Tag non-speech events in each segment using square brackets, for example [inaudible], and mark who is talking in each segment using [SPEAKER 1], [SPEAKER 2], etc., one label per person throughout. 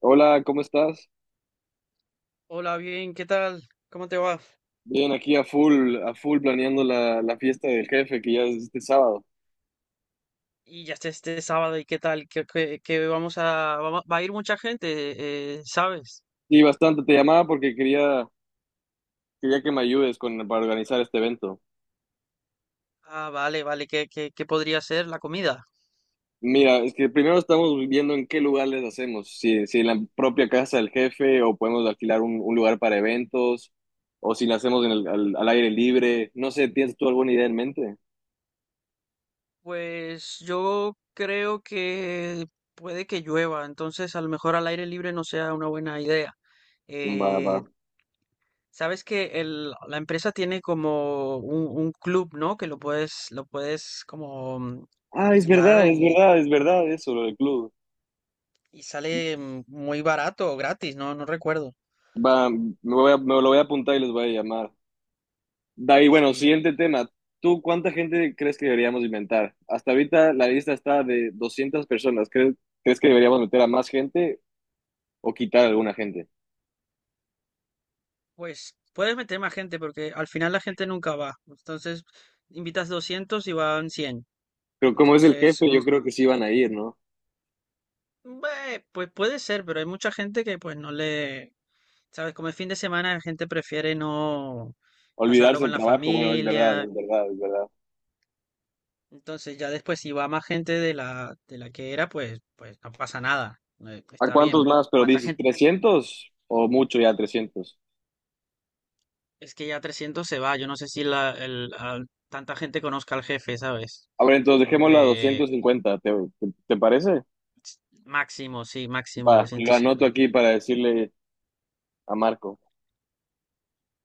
[SPEAKER 1] Hola, ¿cómo estás?
[SPEAKER 2] Hola, bien, ¿qué tal? ¿Cómo te va?
[SPEAKER 1] Bien, aquí a full planeando la fiesta del jefe que ya es este sábado.
[SPEAKER 2] Y ya está este sábado, ¿y qué tal? Que va a ir mucha gente, ¿sabes?
[SPEAKER 1] Sí, bastante. Te llamaba porque quería que me ayudes con, para organizar este evento.
[SPEAKER 2] Ah, vale, vale, ¿qué podría ser la comida?
[SPEAKER 1] Mira, es que primero estamos viendo en qué lugares hacemos, si en la propia casa del jefe o podemos alquilar un lugar para eventos o si lo hacemos en el, al aire libre. No sé, ¿tienes tú alguna idea en mente?
[SPEAKER 2] Pues yo creo que puede que llueva, entonces a lo mejor al aire libre no sea una buena idea.
[SPEAKER 1] Va, va.
[SPEAKER 2] Eh, sabes que la empresa tiene como un club, ¿no? Que lo puedes como
[SPEAKER 1] Ah, es
[SPEAKER 2] alquilar.
[SPEAKER 1] verdad, es verdad, es verdad eso, lo del club.
[SPEAKER 2] Y sale muy barato o gratis, no recuerdo.
[SPEAKER 1] Va, me lo voy a apuntar y les voy a llamar. David, bueno,
[SPEAKER 2] Sí,
[SPEAKER 1] siguiente tema. ¿Tú cuánta gente crees que deberíamos inventar? Hasta ahorita la lista está de 200 personas. ¿Crees, crees que deberíamos meter a más gente o quitar a alguna gente?
[SPEAKER 2] pues puedes meter más gente porque al final la gente nunca va. Entonces, invitas 200 y van 100.
[SPEAKER 1] Pero como es el
[SPEAKER 2] Entonces,
[SPEAKER 1] jefe, yo creo que sí van a ir, ¿no?
[SPEAKER 2] pues puede ser, pero hay mucha gente que pues no le... ¿Sabes? Como es fin de semana, la gente prefiere no pasarlo
[SPEAKER 1] Olvidarse el
[SPEAKER 2] con la
[SPEAKER 1] trabajo. Bueno, es verdad,
[SPEAKER 2] familia.
[SPEAKER 1] es verdad, es verdad.
[SPEAKER 2] Entonces, ya después si va más gente de la que era, pues no pasa nada.
[SPEAKER 1] ¿A
[SPEAKER 2] Está
[SPEAKER 1] cuántos
[SPEAKER 2] bien.
[SPEAKER 1] más? Pero
[SPEAKER 2] ¿Cuánta
[SPEAKER 1] dices,
[SPEAKER 2] gente?
[SPEAKER 1] trescientos o mucho ya trescientos.
[SPEAKER 2] Es que ya 300 se va. Yo no sé si tanta gente conozca al jefe, ¿sabes?
[SPEAKER 1] A ver,
[SPEAKER 2] Yo
[SPEAKER 1] entonces
[SPEAKER 2] creo
[SPEAKER 1] dejémoslo a
[SPEAKER 2] que
[SPEAKER 1] 250, ¿te, te, te parece?
[SPEAKER 2] máximo, sí, máximo
[SPEAKER 1] Va, lo
[SPEAKER 2] doscientos
[SPEAKER 1] anoto
[SPEAKER 2] cincuenta
[SPEAKER 1] aquí para decirle a Marco.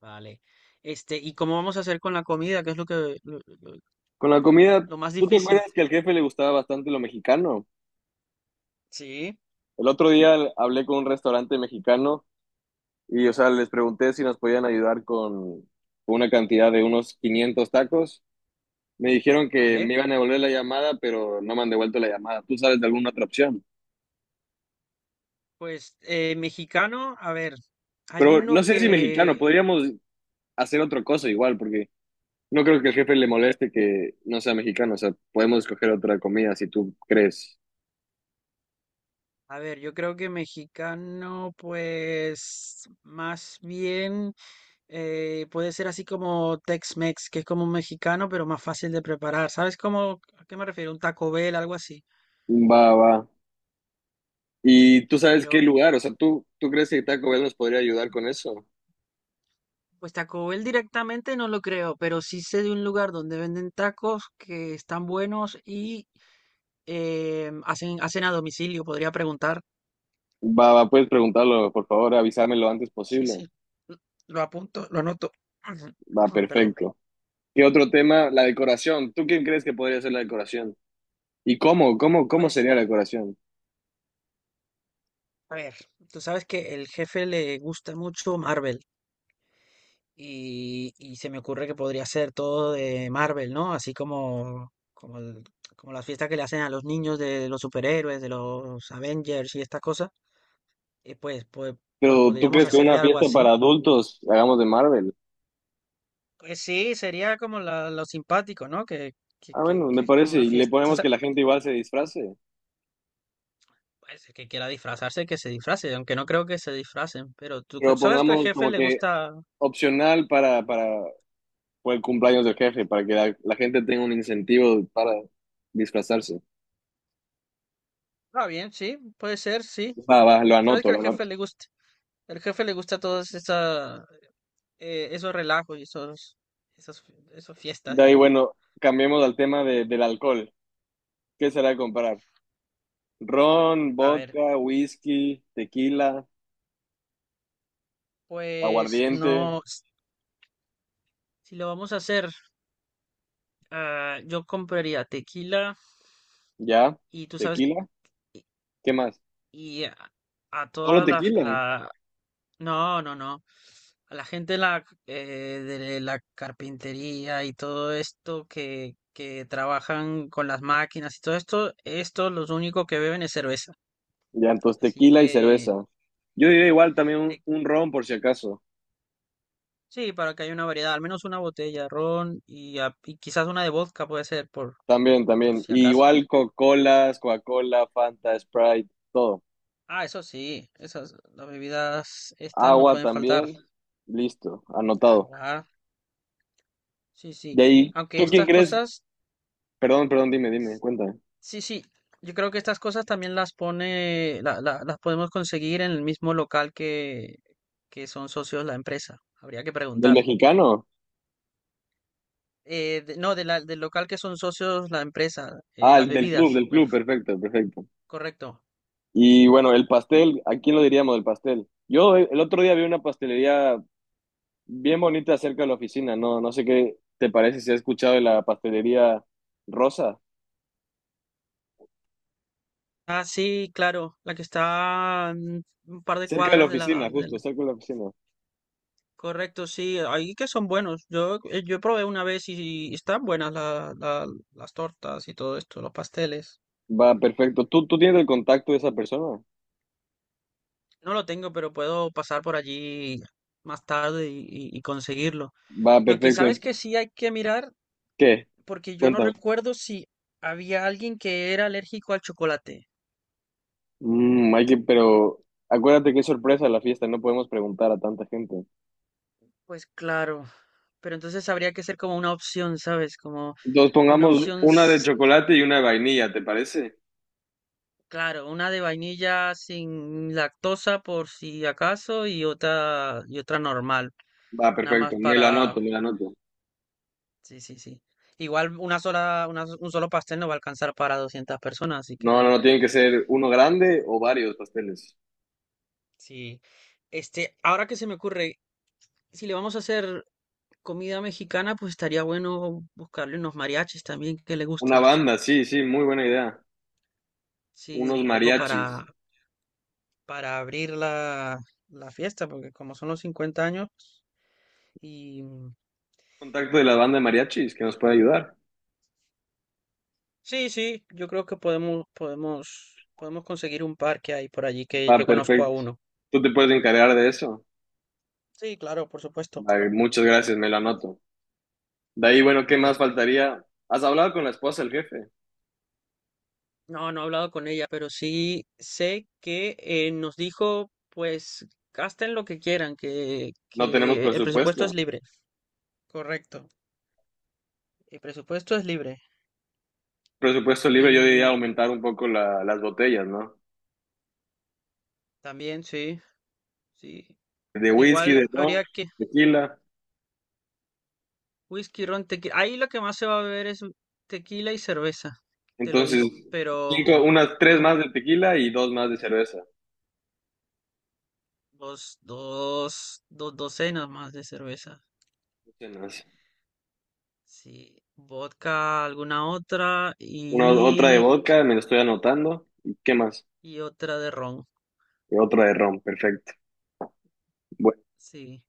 [SPEAKER 2] Vale. Este, ¿y cómo vamos a hacer con la comida? ¿Qué es lo que lo, lo-
[SPEAKER 1] Con la comida,
[SPEAKER 2] lo más
[SPEAKER 1] ¿tú te
[SPEAKER 2] difícil?
[SPEAKER 1] acuerdas que al jefe le gustaba bastante lo mexicano?
[SPEAKER 2] Sí,
[SPEAKER 1] El otro día hablé con un restaurante mexicano y, o sea, les pregunté si nos podían ayudar con una cantidad de unos 500 tacos. Me dijeron que
[SPEAKER 2] vale.
[SPEAKER 1] me iban a devolver la llamada, pero no me han devuelto la llamada. ¿Tú sabes de alguna otra opción?
[SPEAKER 2] Pues mexicano, a ver, hay
[SPEAKER 1] Pero no
[SPEAKER 2] uno
[SPEAKER 1] sé si mexicano,
[SPEAKER 2] que...
[SPEAKER 1] podríamos hacer otra cosa igual, porque no creo que el jefe le moleste que no sea mexicano. O sea, podemos escoger otra comida si tú crees.
[SPEAKER 2] A ver, yo creo que mexicano, pues más bien puede ser así como Tex-Mex, que es como un mexicano, pero más fácil de preparar. ¿Sabes cómo, a qué me refiero? Un Taco Bell, algo así.
[SPEAKER 1] Va, va. ¿Y tú sabes
[SPEAKER 2] Pero,
[SPEAKER 1] qué lugar? O sea, tú crees que Taco Bell nos podría ayudar con eso?
[SPEAKER 2] pues Taco Bell directamente no lo creo, pero sí sé de un lugar donde venden tacos que están buenos y hacen a domicilio. Podría preguntar.
[SPEAKER 1] Va, va, puedes preguntarlo, por favor, avísame lo antes
[SPEAKER 2] Sí,
[SPEAKER 1] posible.
[SPEAKER 2] sí. l- Lo apunto, lo anoto. [clears throat]
[SPEAKER 1] Va,
[SPEAKER 2] Perdón.
[SPEAKER 1] perfecto. ¿Qué otro tema? La decoración. ¿Tú quién crees que podría ser la decoración? ¿Y cómo? Cómo
[SPEAKER 2] Pues.
[SPEAKER 1] sería la decoración?
[SPEAKER 2] A ver, tú sabes que el jefe le gusta mucho Marvel y se me ocurre que podría ser todo de Marvel, ¿no? Así como como las fiestas que le hacen a los niños de los superhéroes, de los Avengers y estas cosas. eh, pues, pues, pues
[SPEAKER 1] Pero ¿tú
[SPEAKER 2] podríamos
[SPEAKER 1] crees que
[SPEAKER 2] hacerle
[SPEAKER 1] una
[SPEAKER 2] algo
[SPEAKER 1] fiesta
[SPEAKER 2] así.
[SPEAKER 1] para adultos hagamos de Marvel?
[SPEAKER 2] Pues sí, sería como lo simpático, ¿no? Que, que,
[SPEAKER 1] Ah,
[SPEAKER 2] que,
[SPEAKER 1] bueno, me
[SPEAKER 2] que es como
[SPEAKER 1] parece.
[SPEAKER 2] una
[SPEAKER 1] Y le
[SPEAKER 2] fiesta. O
[SPEAKER 1] ponemos
[SPEAKER 2] sea...
[SPEAKER 1] que la gente igual se disfrace.
[SPEAKER 2] Pues el que quiera disfrazarse, que se disfrace, aunque no creo que se disfracen, pero tú
[SPEAKER 1] Pero
[SPEAKER 2] sabes que el
[SPEAKER 1] pongamos
[SPEAKER 2] jefe
[SPEAKER 1] como
[SPEAKER 2] le
[SPEAKER 1] que
[SPEAKER 2] gusta...
[SPEAKER 1] opcional para, por el cumpleaños del jefe, para que la gente tenga un incentivo para disfrazarse.
[SPEAKER 2] Ah, bien, sí, puede ser, sí.
[SPEAKER 1] Va, va, lo
[SPEAKER 2] Sabes
[SPEAKER 1] anoto,
[SPEAKER 2] que
[SPEAKER 1] lo anoto.
[SPEAKER 2] al jefe le gusta todos esa, esos relajos y esos, esos fiestas.
[SPEAKER 1] De ahí, bueno, cambiemos al del alcohol. ¿Qué será comprar? Ron,
[SPEAKER 2] A ver,
[SPEAKER 1] vodka, whisky, tequila,
[SPEAKER 2] pues
[SPEAKER 1] aguardiente,
[SPEAKER 2] no, si lo vamos a hacer, yo compraría tequila
[SPEAKER 1] ya,
[SPEAKER 2] y tú sabes,
[SPEAKER 1] tequila,
[SPEAKER 2] y,
[SPEAKER 1] ¿qué más?
[SPEAKER 2] y a
[SPEAKER 1] Solo
[SPEAKER 2] toda
[SPEAKER 1] tequila.
[SPEAKER 2] no, no, no, a la gente la, de la carpintería y todo esto que trabajan con las máquinas y todo esto, esto los único que beben es cerveza.
[SPEAKER 1] Ya, entonces
[SPEAKER 2] Así
[SPEAKER 1] tequila y
[SPEAKER 2] que...
[SPEAKER 1] cerveza. Yo diría igual también un ron por si acaso.
[SPEAKER 2] Sí, para que haya una variedad, al menos una botella de ron y, y quizás una de vodka puede ser,
[SPEAKER 1] También,
[SPEAKER 2] por
[SPEAKER 1] también.
[SPEAKER 2] si
[SPEAKER 1] Y
[SPEAKER 2] acaso.
[SPEAKER 1] igual Coca-Colas, Coca-Cola, Fanta, Sprite, todo.
[SPEAKER 2] Ah, eso sí, esas, las bebidas estas no
[SPEAKER 1] Agua
[SPEAKER 2] pueden faltar.
[SPEAKER 1] también. Listo, anotado.
[SPEAKER 2] Agua, sí, sí.
[SPEAKER 1] De ahí,
[SPEAKER 2] Aunque
[SPEAKER 1] ¿tú quién
[SPEAKER 2] estas
[SPEAKER 1] crees?
[SPEAKER 2] cosas,
[SPEAKER 1] Perdón, perdón, dime, dime, cuéntame.
[SPEAKER 2] sí, sí, yo creo que estas cosas también las pone, las podemos conseguir en el mismo local que son socios la empresa. Habría que
[SPEAKER 1] ¿Del
[SPEAKER 2] preguntar.
[SPEAKER 1] mexicano?
[SPEAKER 2] No, del local que son socios la empresa,
[SPEAKER 1] Ah,
[SPEAKER 2] las
[SPEAKER 1] el
[SPEAKER 2] bebidas,
[SPEAKER 1] del
[SPEAKER 2] me
[SPEAKER 1] club,
[SPEAKER 2] refiero.
[SPEAKER 1] perfecto, perfecto.
[SPEAKER 2] Correcto.
[SPEAKER 1] Y bueno, el pastel, ¿a quién lo diríamos del pastel? Yo el otro día vi una pastelería bien bonita cerca de la oficina, no, no sé qué te parece si has escuchado de la pastelería Rosa,
[SPEAKER 2] Ah, sí, claro, la que está un par de
[SPEAKER 1] cerca de la
[SPEAKER 2] cuadras
[SPEAKER 1] oficina, justo, cerca de la oficina.
[SPEAKER 2] correcto, sí, ahí que son buenos. Yo, yo probé una vez y están buenas las tortas y todo esto, los pasteles.
[SPEAKER 1] Va, perfecto. Tú tienes el contacto de esa persona?
[SPEAKER 2] No lo tengo, pero puedo pasar por allí más tarde y conseguirlo.
[SPEAKER 1] Va,
[SPEAKER 2] Lo que sabes
[SPEAKER 1] perfecto.
[SPEAKER 2] que sí hay que mirar,
[SPEAKER 1] ¿Qué?
[SPEAKER 2] porque yo no
[SPEAKER 1] Cuéntame.
[SPEAKER 2] recuerdo si había alguien que era alérgico al chocolate.
[SPEAKER 1] Mm, hay que, pero acuérdate que es sorpresa la fiesta, no podemos preguntar a tanta gente.
[SPEAKER 2] Pues claro, pero entonces habría que ser como una opción, ¿sabes? Como
[SPEAKER 1] Entonces
[SPEAKER 2] una
[SPEAKER 1] pongamos
[SPEAKER 2] opción.
[SPEAKER 1] una de chocolate y una de vainilla, ¿te parece?
[SPEAKER 2] Claro, una de vainilla sin lactosa por si acaso y otra normal,
[SPEAKER 1] Va,
[SPEAKER 2] nada
[SPEAKER 1] perfecto,
[SPEAKER 2] más
[SPEAKER 1] me la
[SPEAKER 2] para
[SPEAKER 1] anoto, me la anoto.
[SPEAKER 2] sí, sí, sí. Igual una sola una s- un solo pastel no va a alcanzar para 200 personas, así
[SPEAKER 1] No, no,
[SPEAKER 2] que
[SPEAKER 1] no, tienen que ser uno grande o varios pasteles.
[SPEAKER 2] sí. Este, ahora que se me ocurre, si le vamos a hacer comida mexicana, pues estaría bueno buscarle unos mariachis también que le
[SPEAKER 1] Una
[SPEAKER 2] gusta.
[SPEAKER 1] banda, sí, sí, muy buena idea. Unos
[SPEAKER 2] Sí,
[SPEAKER 1] sí,
[SPEAKER 2] algo
[SPEAKER 1] mariachis.
[SPEAKER 2] para abrir la fiesta, porque como son los 50 años y
[SPEAKER 1] Contacto de la banda de mariachis que nos puede ayudar.
[SPEAKER 2] Sí, sí, yo creo que podemos conseguir un par que hay por allí que
[SPEAKER 1] Va,
[SPEAKER 2] yo conozco a
[SPEAKER 1] perfecto.
[SPEAKER 2] uno.
[SPEAKER 1] Tú te puedes encargar de eso.
[SPEAKER 2] Sí, claro, por supuesto.
[SPEAKER 1] Va, muchas gracias, me lo anoto. De ahí, bueno, ¿qué más
[SPEAKER 2] Vale.
[SPEAKER 1] faltaría? ¿Has hablado con la esposa del jefe?
[SPEAKER 2] No, no he hablado con ella, pero sí sé que nos dijo, pues, gasten lo que quieran,
[SPEAKER 1] No tenemos
[SPEAKER 2] que el presupuesto
[SPEAKER 1] presupuesto.
[SPEAKER 2] es libre. Correcto. El presupuesto es libre.
[SPEAKER 1] Presupuesto libre, yo
[SPEAKER 2] Y
[SPEAKER 1] diría aumentar un poco las botellas, ¿no?
[SPEAKER 2] también, sí, sí.
[SPEAKER 1] De whisky,
[SPEAKER 2] Igual
[SPEAKER 1] de ron,
[SPEAKER 2] habría que
[SPEAKER 1] tequila.
[SPEAKER 2] whisky, ron, tequila. Ahí lo que más se va a beber es tequila y cerveza, te lo
[SPEAKER 1] Entonces,
[SPEAKER 2] digo.
[SPEAKER 1] cinco, unas tres
[SPEAKER 2] Pero un...
[SPEAKER 1] más de tequila y dos más de cerveza.
[SPEAKER 2] Dos docenas más de cerveza.
[SPEAKER 1] No sé, no.
[SPEAKER 2] Sí, vodka, alguna otra
[SPEAKER 1] Una, otra de vodka, me lo estoy anotando. ¿Y qué más?
[SPEAKER 2] y otra de ron.
[SPEAKER 1] Y otra de ron, perfecto. Bueno,
[SPEAKER 2] Sí.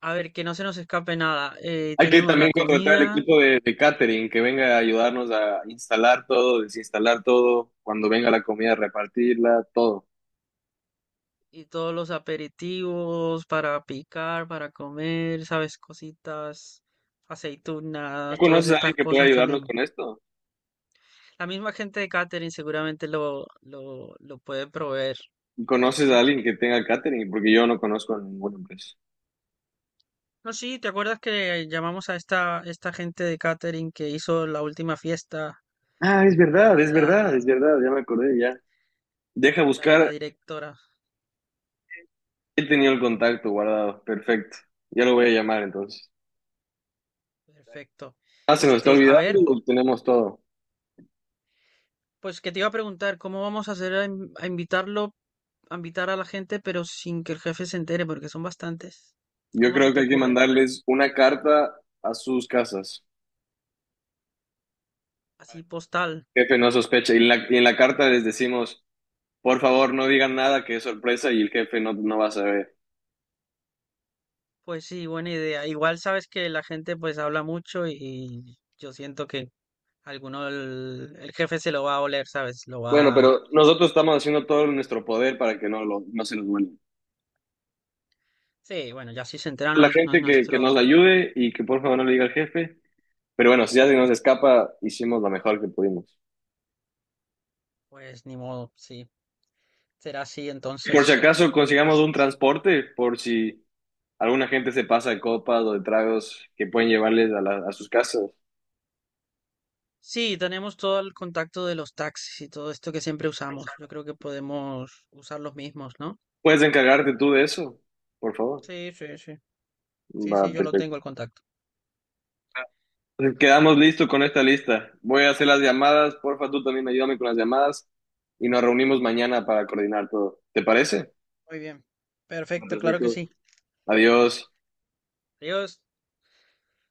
[SPEAKER 2] A ver, que no se nos escape nada.
[SPEAKER 1] hay que
[SPEAKER 2] Tenemos la
[SPEAKER 1] también contratar al
[SPEAKER 2] comida
[SPEAKER 1] equipo de catering que venga a ayudarnos a instalar todo, desinstalar todo, cuando venga la comida, repartirla, todo.
[SPEAKER 2] y todos los aperitivos para picar, para comer, sabes, cositas,
[SPEAKER 1] ¿Tú
[SPEAKER 2] aceitunas, todas
[SPEAKER 1] conoces a alguien
[SPEAKER 2] estas
[SPEAKER 1] que pueda
[SPEAKER 2] cosas
[SPEAKER 1] ayudarnos
[SPEAKER 2] también.
[SPEAKER 1] con esto?
[SPEAKER 2] La misma gente de catering seguramente lo puede proveer,
[SPEAKER 1] ¿Conoces a
[SPEAKER 2] ¿sí?
[SPEAKER 1] alguien que tenga catering? Porque yo no conozco a ninguna empresa.
[SPEAKER 2] No, sí, ¿te acuerdas que llamamos a esta gente de catering que hizo la última fiesta,
[SPEAKER 1] Ah, es
[SPEAKER 2] la
[SPEAKER 1] verdad,
[SPEAKER 2] de
[SPEAKER 1] es verdad,
[SPEAKER 2] la,
[SPEAKER 1] es verdad, ya me acordé, ya. Deja
[SPEAKER 2] la de la
[SPEAKER 1] buscar,
[SPEAKER 2] directora?
[SPEAKER 1] he tenido el contacto guardado, perfecto. Ya lo voy a llamar entonces.
[SPEAKER 2] Perfecto.
[SPEAKER 1] Ah, se nos está
[SPEAKER 2] Este, a ver,
[SPEAKER 1] olvidando, tenemos todo.
[SPEAKER 2] pues que te iba a preguntar, ¿cómo vamos a hacer a invitar a la gente, pero sin que el jefe se entere, porque son bastantes?
[SPEAKER 1] Yo
[SPEAKER 2] ¿Cómo se
[SPEAKER 1] creo que
[SPEAKER 2] te
[SPEAKER 1] hay que
[SPEAKER 2] ocurre?
[SPEAKER 1] mandarles una carta a sus casas.
[SPEAKER 2] Así postal.
[SPEAKER 1] Jefe no sospecha. Y en la carta les decimos, por favor, no digan nada, que es sorpresa y el jefe no, no va a saber.
[SPEAKER 2] Pues sí, buena idea. Igual sabes que la gente pues habla mucho y yo siento que alguno el jefe se lo va a oler, ¿sabes? Lo
[SPEAKER 1] Bueno,
[SPEAKER 2] va...
[SPEAKER 1] pero nosotros estamos haciendo todo en nuestro poder para que no, lo, no se nos vuelva.
[SPEAKER 2] Sí, bueno, ya si se enteran
[SPEAKER 1] La
[SPEAKER 2] no es
[SPEAKER 1] gente que nos
[SPEAKER 2] nuestro,
[SPEAKER 1] ayude y que por favor no le diga al jefe. Pero bueno, si ya se nos escapa, hicimos lo mejor que pudimos.
[SPEAKER 2] pues ni modo, sí, será así
[SPEAKER 1] Por si
[SPEAKER 2] entonces.
[SPEAKER 1] acaso consigamos
[SPEAKER 2] Es-
[SPEAKER 1] un transporte, por si alguna gente se pasa de copas o de tragos que pueden llevarles a, a sus casas.
[SPEAKER 2] Sí, tenemos todo el contacto de los taxis y todo esto que siempre usamos. Yo creo que podemos usar los mismos, ¿no?
[SPEAKER 1] Puedes encargarte tú de eso, por favor.
[SPEAKER 2] Sí, sí, sí. Sí,
[SPEAKER 1] Va,
[SPEAKER 2] sí, yo lo
[SPEAKER 1] perfecto.
[SPEAKER 2] tengo el contacto.
[SPEAKER 1] Entonces, quedamos listos con esta lista. Voy a hacer las llamadas. Porfa, tú también ayúdame con las llamadas y nos reunimos mañana para coordinar todo. ¿Te parece?
[SPEAKER 2] Muy bien.
[SPEAKER 1] Va,
[SPEAKER 2] Perfecto, claro que
[SPEAKER 1] perfecto.
[SPEAKER 2] sí.
[SPEAKER 1] Adiós.
[SPEAKER 2] Adiós.